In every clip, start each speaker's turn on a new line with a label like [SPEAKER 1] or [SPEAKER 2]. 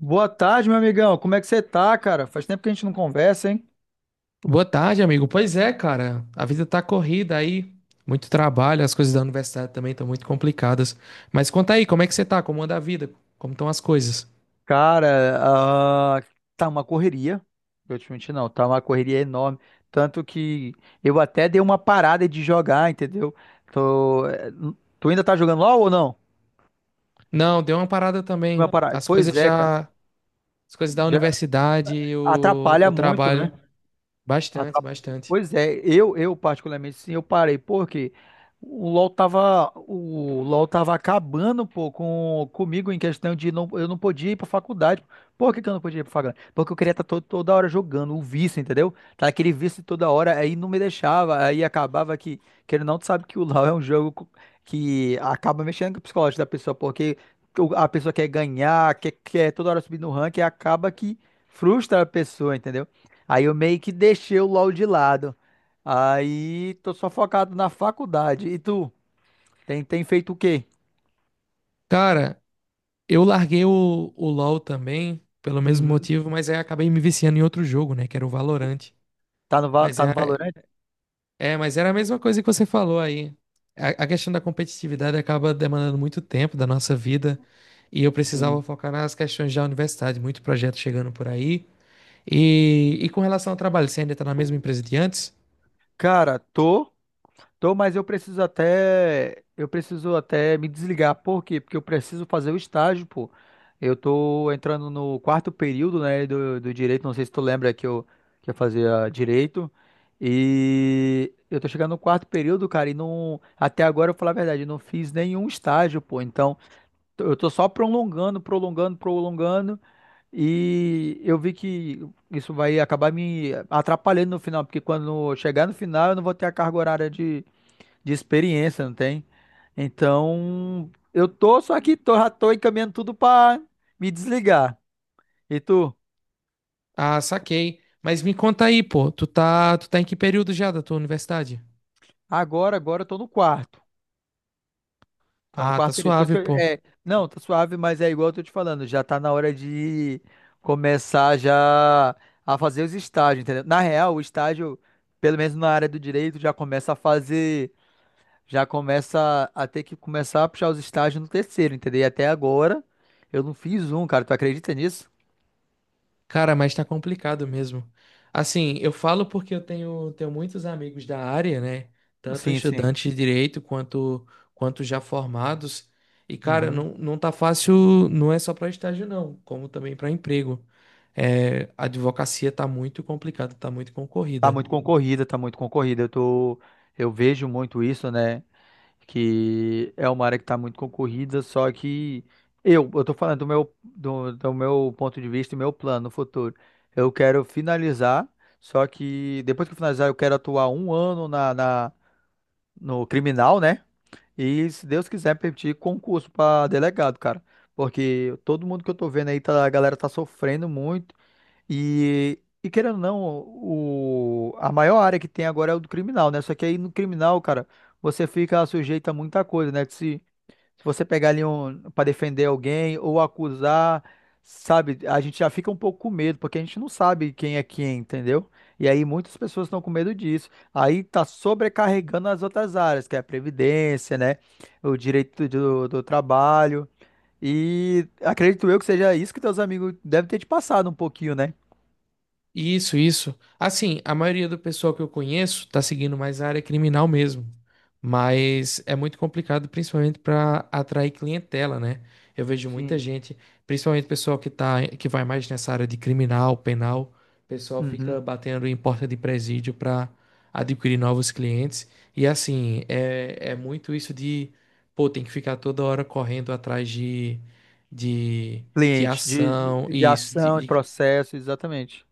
[SPEAKER 1] Boa tarde, meu amigão. Como é que você tá, cara? Faz tempo que a gente não conversa, hein?
[SPEAKER 2] Boa tarde, amigo. Pois é, cara. A vida tá corrida aí, muito trabalho, as coisas da universidade também estão muito complicadas. Mas conta aí, como é que você tá? Como anda a vida? Como estão as coisas?
[SPEAKER 1] Cara, ah, tá uma correria. Eu te menti, não. Tá uma correria enorme. Tanto que eu até dei uma parada de jogar, entendeu? Tô... eh, Tu ainda tá jogando LOL ou não?
[SPEAKER 2] Não, deu uma parada
[SPEAKER 1] Uma
[SPEAKER 2] também.
[SPEAKER 1] parada.
[SPEAKER 2] As
[SPEAKER 1] Pois
[SPEAKER 2] coisas
[SPEAKER 1] é, cara.
[SPEAKER 2] já, as coisas da
[SPEAKER 1] Já
[SPEAKER 2] universidade, e o,
[SPEAKER 1] atrapalha
[SPEAKER 2] o
[SPEAKER 1] muito,
[SPEAKER 2] trabalho,
[SPEAKER 1] né?
[SPEAKER 2] bastante,
[SPEAKER 1] Atra-
[SPEAKER 2] bastante.
[SPEAKER 1] Pois é, eu particularmente sim, eu parei, porque o LoL tava acabando, pô, comigo em questão de não, eu não podia ir pra faculdade. Por que que eu não podia ir pra faculdade? Porque eu queria estar toda hora jogando, o vício, entendeu? Tá aquele vício toda hora, aí não me deixava, aí acabava que, querendo ou não, tu sabe que o LoL é um jogo que acaba mexendo com o psicológico da pessoa, porque a pessoa quer ganhar, quer toda hora subir no ranking, e acaba que frustra a pessoa, entendeu? Aí eu meio que deixei o LoL de lado. Aí tô só focado na faculdade. E tu, tem feito o quê?
[SPEAKER 2] Cara, eu larguei o LoL também, pelo mesmo
[SPEAKER 1] Uhum.
[SPEAKER 2] motivo, mas aí acabei me viciando em outro jogo, né, que era o Valorant.
[SPEAKER 1] Tá no, Val-
[SPEAKER 2] Mas
[SPEAKER 1] tá no
[SPEAKER 2] é
[SPEAKER 1] Valorant?
[SPEAKER 2] É, mas era a mesma coisa que você falou aí. A questão da competitividade acaba demandando muito tempo da nossa vida e eu precisava
[SPEAKER 1] Sim.
[SPEAKER 2] focar nas questões da universidade, muito projeto chegando por aí. E com relação ao trabalho, você ainda tá na mesma empresa de antes?
[SPEAKER 1] Cara, tô. Tô, mas eu preciso até me desligar. Por quê? Porque eu preciso fazer o estágio, pô. Eu tô entrando no quarto período, né, do direito. Não sei se tu lembra que eu fazia direito. E eu tô chegando no quarto período, cara, e não, até agora, eu vou falar a verdade, eu não fiz nenhum estágio, pô. Então, eu tô só prolongando, prolongando, prolongando. E eu vi que isso vai acabar me atrapalhando no final, porque quando chegar no final, eu não vou ter a carga horária de experiência, não tem? Então, eu tô, só que tô, já tô encaminhando tudo pra me desligar. E tu?
[SPEAKER 2] Ah, saquei. Mas me conta aí, pô, tu tá em que período já da tua universidade?
[SPEAKER 1] Agora, eu tô no quarto. Tô no
[SPEAKER 2] Ah, tá
[SPEAKER 1] quarto período. Depois que
[SPEAKER 2] suave, pô.
[SPEAKER 1] é, não, tá suave, mas é igual eu tô te falando, já tá na hora de começar já a fazer os estágios, entendeu? Na real, o estágio, pelo menos na área do direito, já começa a fazer, já começa a ter que começar a puxar os estágios no terceiro, entendeu? E até agora eu não fiz um, cara. Tu acredita nisso?
[SPEAKER 2] Cara, mas tá complicado mesmo. Assim, eu falo porque tenho muitos amigos da área, né? Tanto
[SPEAKER 1] Sim, sim.
[SPEAKER 2] estudantes de direito quanto, quanto já formados. E, cara,
[SPEAKER 1] Uhum.
[SPEAKER 2] não, não tá fácil, não é só pra estágio, não, como também pra emprego. É, a advocacia tá muito complicada, tá muito
[SPEAKER 1] Tá
[SPEAKER 2] concorrida.
[SPEAKER 1] muito concorrida, tá muito concorrida. Eu vejo muito isso, né? Que é uma área que tá muito concorrida, só que eu tô falando do meu ponto de vista e meu plano no futuro. Eu quero finalizar, só que depois que eu finalizar, eu quero atuar 1 ano no criminal, né? E se Deus quiser, permitir concurso pra delegado, cara. Porque todo mundo que eu tô vendo aí, tá, a galera tá sofrendo muito. E, querendo ou não, a maior área que tem agora é o do criminal, né? Só que aí no criminal, cara, você fica sujeito a muita coisa, né? Que se você pegar ali um, para defender alguém ou acusar, sabe? A gente já fica um pouco com medo, porque a gente não sabe quem é quem, entendeu? E aí muitas pessoas estão com medo disso. Aí tá sobrecarregando as outras áreas, que é a previdência, né? O direito do trabalho. E acredito eu que seja isso que teus amigos devem ter te passado um pouquinho, né?
[SPEAKER 2] Isso, isso. Assim, a maioria do pessoal que eu conheço tá seguindo mais a área criminal mesmo. Mas é muito complicado, principalmente para atrair clientela, né? Eu vejo muita
[SPEAKER 1] Sim.
[SPEAKER 2] gente, principalmente pessoal que tá, que vai mais nessa área de criminal, penal, o pessoal
[SPEAKER 1] Uhum.
[SPEAKER 2] fica batendo em porta de presídio para adquirir novos clientes. E assim, é, é muito isso de, pô, tem que ficar toda hora correndo atrás de, de
[SPEAKER 1] Cliente, de,
[SPEAKER 2] ação,
[SPEAKER 1] de de
[SPEAKER 2] isso, de,
[SPEAKER 1] ação, de
[SPEAKER 2] de
[SPEAKER 1] processo, exatamente.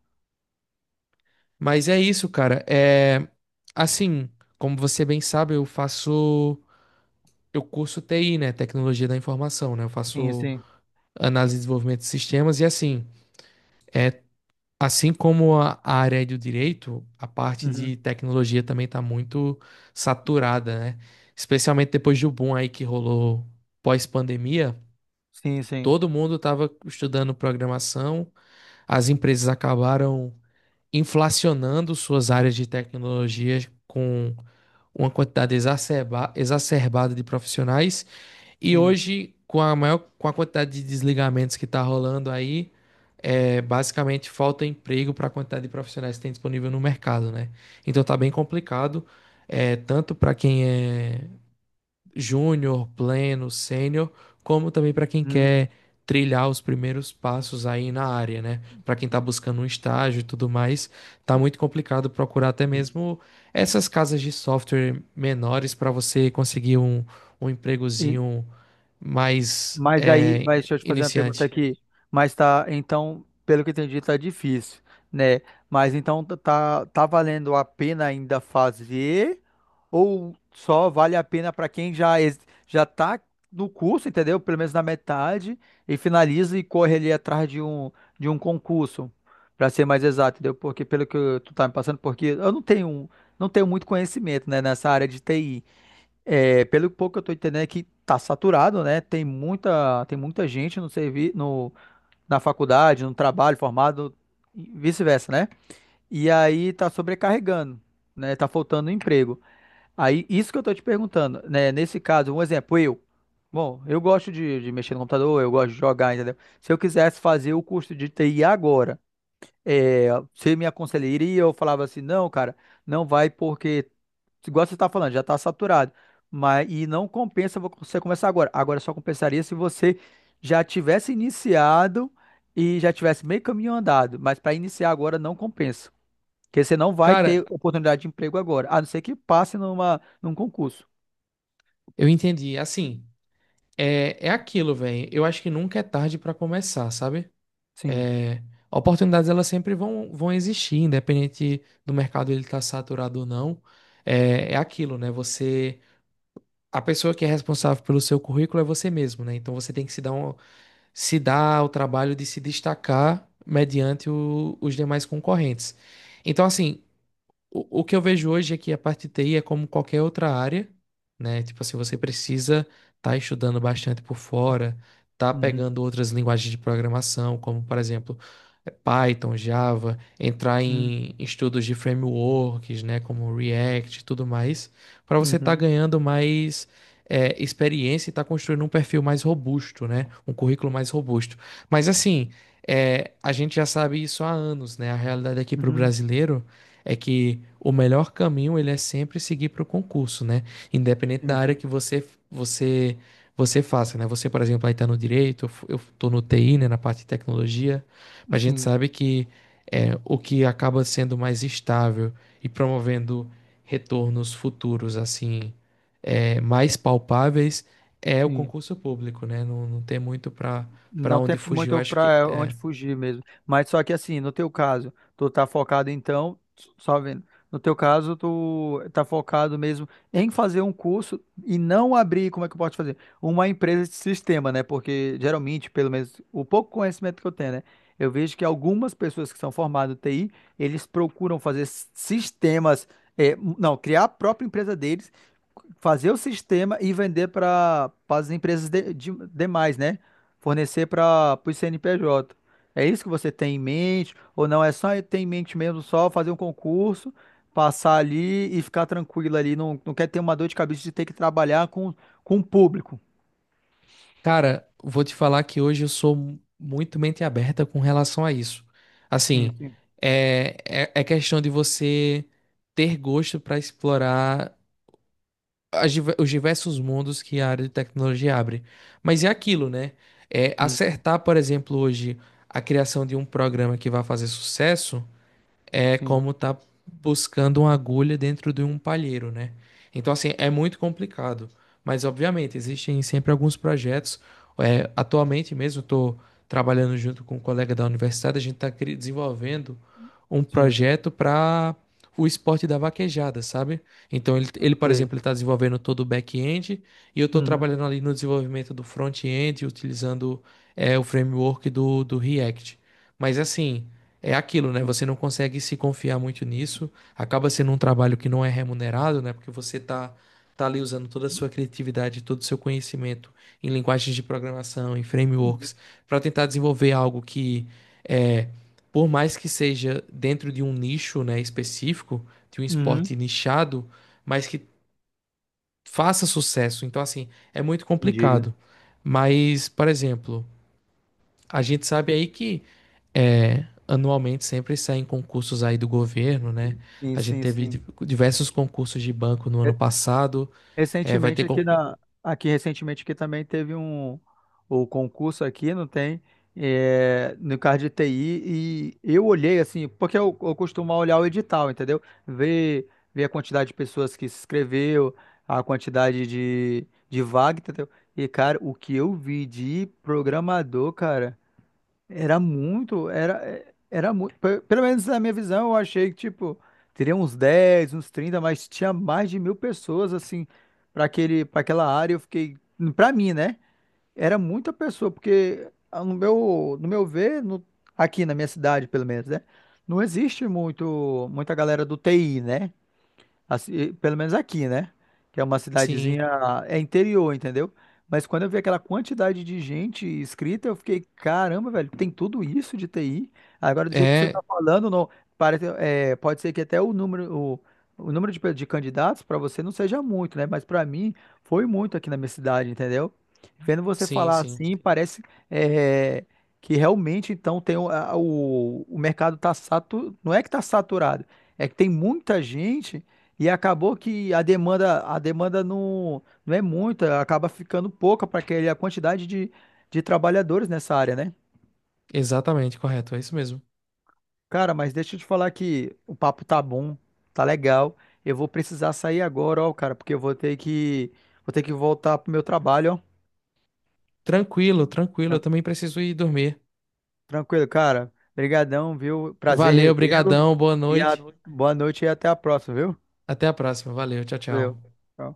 [SPEAKER 2] mas é isso, cara. É assim, como você bem sabe, eu curso TI, né, tecnologia da informação, né? Eu
[SPEAKER 1] Sim,
[SPEAKER 2] faço
[SPEAKER 1] sim.
[SPEAKER 2] análise e desenvolvimento de sistemas e assim, é assim como a área é do direito, a parte
[SPEAKER 1] Uhum.
[SPEAKER 2] de tecnologia também tá muito saturada, né? Especialmente depois do boom aí que rolou pós-pandemia,
[SPEAKER 1] Sim, sim,
[SPEAKER 2] todo mundo tava estudando programação, as empresas acabaram inflacionando suas áreas de tecnologias com uma quantidade exacerbada de profissionais. E
[SPEAKER 1] sim.
[SPEAKER 2] hoje, com a quantidade de desligamentos que está rolando aí, é, basicamente falta emprego para a quantidade de profissionais que tem disponível no mercado, né? Então tá bem complicado, é, tanto para quem é júnior, pleno, sênior, como também para quem
[SPEAKER 1] Uhum.
[SPEAKER 2] quer trilhar os primeiros passos aí na área, né? Para quem está buscando um estágio e tudo mais, tá muito complicado procurar até mesmo essas casas de software menores para você conseguir um
[SPEAKER 1] E,
[SPEAKER 2] empregozinho mais
[SPEAKER 1] Mas aí,
[SPEAKER 2] é,
[SPEAKER 1] mas deixa eu te fazer uma pergunta
[SPEAKER 2] iniciante.
[SPEAKER 1] aqui. Mas tá, então, pelo que eu entendi, tá difícil, né? Mas então tá valendo a pena ainda fazer ou só vale a pena para quem já já tá no curso, entendeu? Pelo menos na metade e finaliza e corre ali atrás de um concurso, para ser mais exato, entendeu? Porque pelo que tu tá me passando, porque eu não tenho muito conhecimento, né, nessa área de TI. É, pelo pouco que eu tô entendendo é que tá saturado, né? Tem muita gente no servi no, na faculdade, no trabalho, formado, e vice-versa, né? E aí tá sobrecarregando, né? Tá faltando emprego. Aí, isso que eu tô te perguntando, né? Nesse caso, um exemplo, eu. Bom, eu gosto de mexer no computador, eu gosto de jogar, entendeu? Se eu quisesse fazer o curso de TI agora, é, você me aconselharia? Eu falava assim, não, cara, não vai porque, igual você está falando, já está saturado. Mas, e não compensa você começar agora. Agora só compensaria se você já tivesse iniciado e já tivesse meio caminho andado. Mas para iniciar agora não compensa. Porque você não vai ter
[SPEAKER 2] Cara,
[SPEAKER 1] oportunidade de emprego agora, a não ser que passe numa, num concurso.
[SPEAKER 2] eu entendi. Assim, é, é aquilo, velho. Eu acho que nunca é tarde para começar, sabe?
[SPEAKER 1] Sim.
[SPEAKER 2] É, oportunidades elas sempre vão existir, independente do mercado ele estar saturado ou não. É, é aquilo, né? Você, a pessoa que é responsável pelo seu currículo é você mesmo, né? Então você tem que se dar o trabalho de se destacar mediante os demais concorrentes. Então, assim, o que eu vejo hoje é que a parte de TI é como qualquer outra área, né? Tipo assim, você precisa estar estudando bastante por fora, tá
[SPEAKER 1] Uhum,
[SPEAKER 2] pegando outras linguagens de programação, como por exemplo, Python, Java, entrar
[SPEAKER 1] uhum,
[SPEAKER 2] em estudos de frameworks, né? Como React e tudo mais, para você estar
[SPEAKER 1] uhum,
[SPEAKER 2] ganhando mais experiência e estar construindo um perfil mais robusto, né? Um currículo mais robusto. Mas assim, a gente já sabe isso há anos, né? A realidade aqui para o
[SPEAKER 1] uhum.
[SPEAKER 2] brasileiro é que o melhor caminho ele é sempre seguir para o concurso, né? Independente
[SPEAKER 1] Sim,
[SPEAKER 2] da área
[SPEAKER 1] sim.
[SPEAKER 2] que você você faça, né? Você, por exemplo, aí está no direito, eu tô no TI, né, na parte de tecnologia, mas a gente
[SPEAKER 1] Sim,
[SPEAKER 2] sabe que é, o que acaba sendo mais estável e promovendo retornos futuros assim é, mais palpáveis é o
[SPEAKER 1] sim.
[SPEAKER 2] concurso público, né? Não, não tem muito para para
[SPEAKER 1] Não tem
[SPEAKER 2] onde fugir. Eu
[SPEAKER 1] muito
[SPEAKER 2] acho que
[SPEAKER 1] para onde
[SPEAKER 2] é,
[SPEAKER 1] fugir mesmo. Mas só que assim, no teu caso, tu tá focado então, só vendo. No teu caso, tu tá focado mesmo em fazer um curso e não abrir, como é que eu posso fazer? Uma empresa de sistema, né? Porque geralmente, pelo menos o pouco conhecimento que eu tenho, né? Eu vejo que algumas pessoas que são formadas em TI, eles procuram fazer sistemas, é, não, criar a própria empresa deles fazer o sistema e vender para as empresas demais, né? Fornecer para o CNPJ. É isso que você tem em mente? Ou não? É só ter em mente mesmo só fazer um concurso, passar ali e ficar tranquilo ali. Não, não quer ter uma dor de cabeça de ter que trabalhar com o público.
[SPEAKER 2] cara, vou te falar que hoje eu sou muito mente aberta com relação a isso.
[SPEAKER 1] Sim,
[SPEAKER 2] Assim,
[SPEAKER 1] sim.
[SPEAKER 2] é, é, é questão de você ter gosto para explorar os diversos mundos que a área de tecnologia abre. Mas é aquilo, né? É,
[SPEAKER 1] Hum,
[SPEAKER 2] acertar, por exemplo, hoje a criação de um programa que vai fazer sucesso é
[SPEAKER 1] Sim,
[SPEAKER 2] como tá buscando uma agulha dentro de um palheiro, né? Então, assim, é muito complicado. Mas, obviamente, existem sempre alguns projetos. É, atualmente mesmo, estou trabalhando junto com um colega da universidade, a gente está desenvolvendo um
[SPEAKER 1] sim.
[SPEAKER 2] projeto para o esporte da vaquejada, sabe? Então, ele
[SPEAKER 1] Ok.
[SPEAKER 2] por exemplo, ele está desenvolvendo todo o back-end e eu estou
[SPEAKER 1] Uhum.
[SPEAKER 2] trabalhando ali no desenvolvimento do front-end, utilizando é, o framework do React. Mas, assim é aquilo, né? Você não consegue se confiar muito nisso, acaba sendo um trabalho que não é remunerado, né? Porque tá ali usando toda a sua criatividade, todo o seu conhecimento em linguagens de programação, em
[SPEAKER 1] Uhum.
[SPEAKER 2] frameworks, para tentar desenvolver algo que é, por mais que seja dentro de um nicho, né, específico, de um
[SPEAKER 1] Uhum.
[SPEAKER 2] esporte nichado, mas que faça sucesso. Então, assim, é muito
[SPEAKER 1] Entendi.
[SPEAKER 2] complicado. Mas, por exemplo, a gente sabe aí que é, anualmente sempre saem concursos aí do governo, né?
[SPEAKER 1] Sim,
[SPEAKER 2] A gente
[SPEAKER 1] sim,
[SPEAKER 2] teve
[SPEAKER 1] sim.
[SPEAKER 2] diversos concursos de banco no ano
[SPEAKER 1] É,
[SPEAKER 2] passado. É, vai
[SPEAKER 1] Recentemente
[SPEAKER 2] ter
[SPEAKER 1] aqui
[SPEAKER 2] concurso.
[SPEAKER 1] na aqui recentemente aqui também teve o concurso aqui, não tem, no card de TI e eu olhei assim, porque eu costumo olhar o edital, entendeu? Ver a quantidade de pessoas que se inscreveu, a quantidade de vaga, entendeu? E cara, o que eu vi de programador, cara, era muito. Pelo menos na minha visão, eu achei que, tipo, teria uns 10, uns 30 mas tinha mais de 1.000 pessoas, assim, para aquele, para aquela área. Eu fiquei, para mim, né? Era muita pessoa, porque no meu ver, aqui na minha cidade, pelo menos, né? Não existe muito, muita galera do TI, né? Assim, pelo menos aqui, né? Que é uma cidadezinha,
[SPEAKER 2] Sim,
[SPEAKER 1] é interior, entendeu? Mas quando eu vi aquela quantidade de gente inscrita, eu fiquei, caramba, velho, tem tudo isso de TI. Agora, do jeito que você tá
[SPEAKER 2] é,
[SPEAKER 1] falando, não, parece, pode ser que até o número, o número de candidatos para você não seja muito, né? Mas para mim foi muito aqui na minha cidade, entendeu? Vendo você
[SPEAKER 2] sim,
[SPEAKER 1] falar
[SPEAKER 2] sim.
[SPEAKER 1] assim, parece é, que realmente então tem o mercado tá saturado, não é que tá saturado, é que tem muita gente e acabou que a demanda não é muita, acaba ficando pouca para a quantidade de trabalhadores nessa área, né?
[SPEAKER 2] Exatamente, correto, é isso mesmo.
[SPEAKER 1] Cara, mas deixa eu te falar que o papo tá bom, tá legal. Eu vou precisar sair agora, ó, cara, porque eu vou ter que voltar pro meu trabalho, ó.
[SPEAKER 2] Tranquilo, tranquilo, eu
[SPEAKER 1] Tran-
[SPEAKER 2] também preciso ir dormir.
[SPEAKER 1] Tranquilo, cara. Obrigadão, viu? Prazer
[SPEAKER 2] Valeu,
[SPEAKER 1] revê-lo.
[SPEAKER 2] brigadão, boa
[SPEAKER 1] E a,
[SPEAKER 2] noite.
[SPEAKER 1] boa noite e até a próxima, viu?
[SPEAKER 2] Até a próxima. Valeu, tchau,
[SPEAKER 1] Valeu.
[SPEAKER 2] tchau.
[SPEAKER 1] Tchau.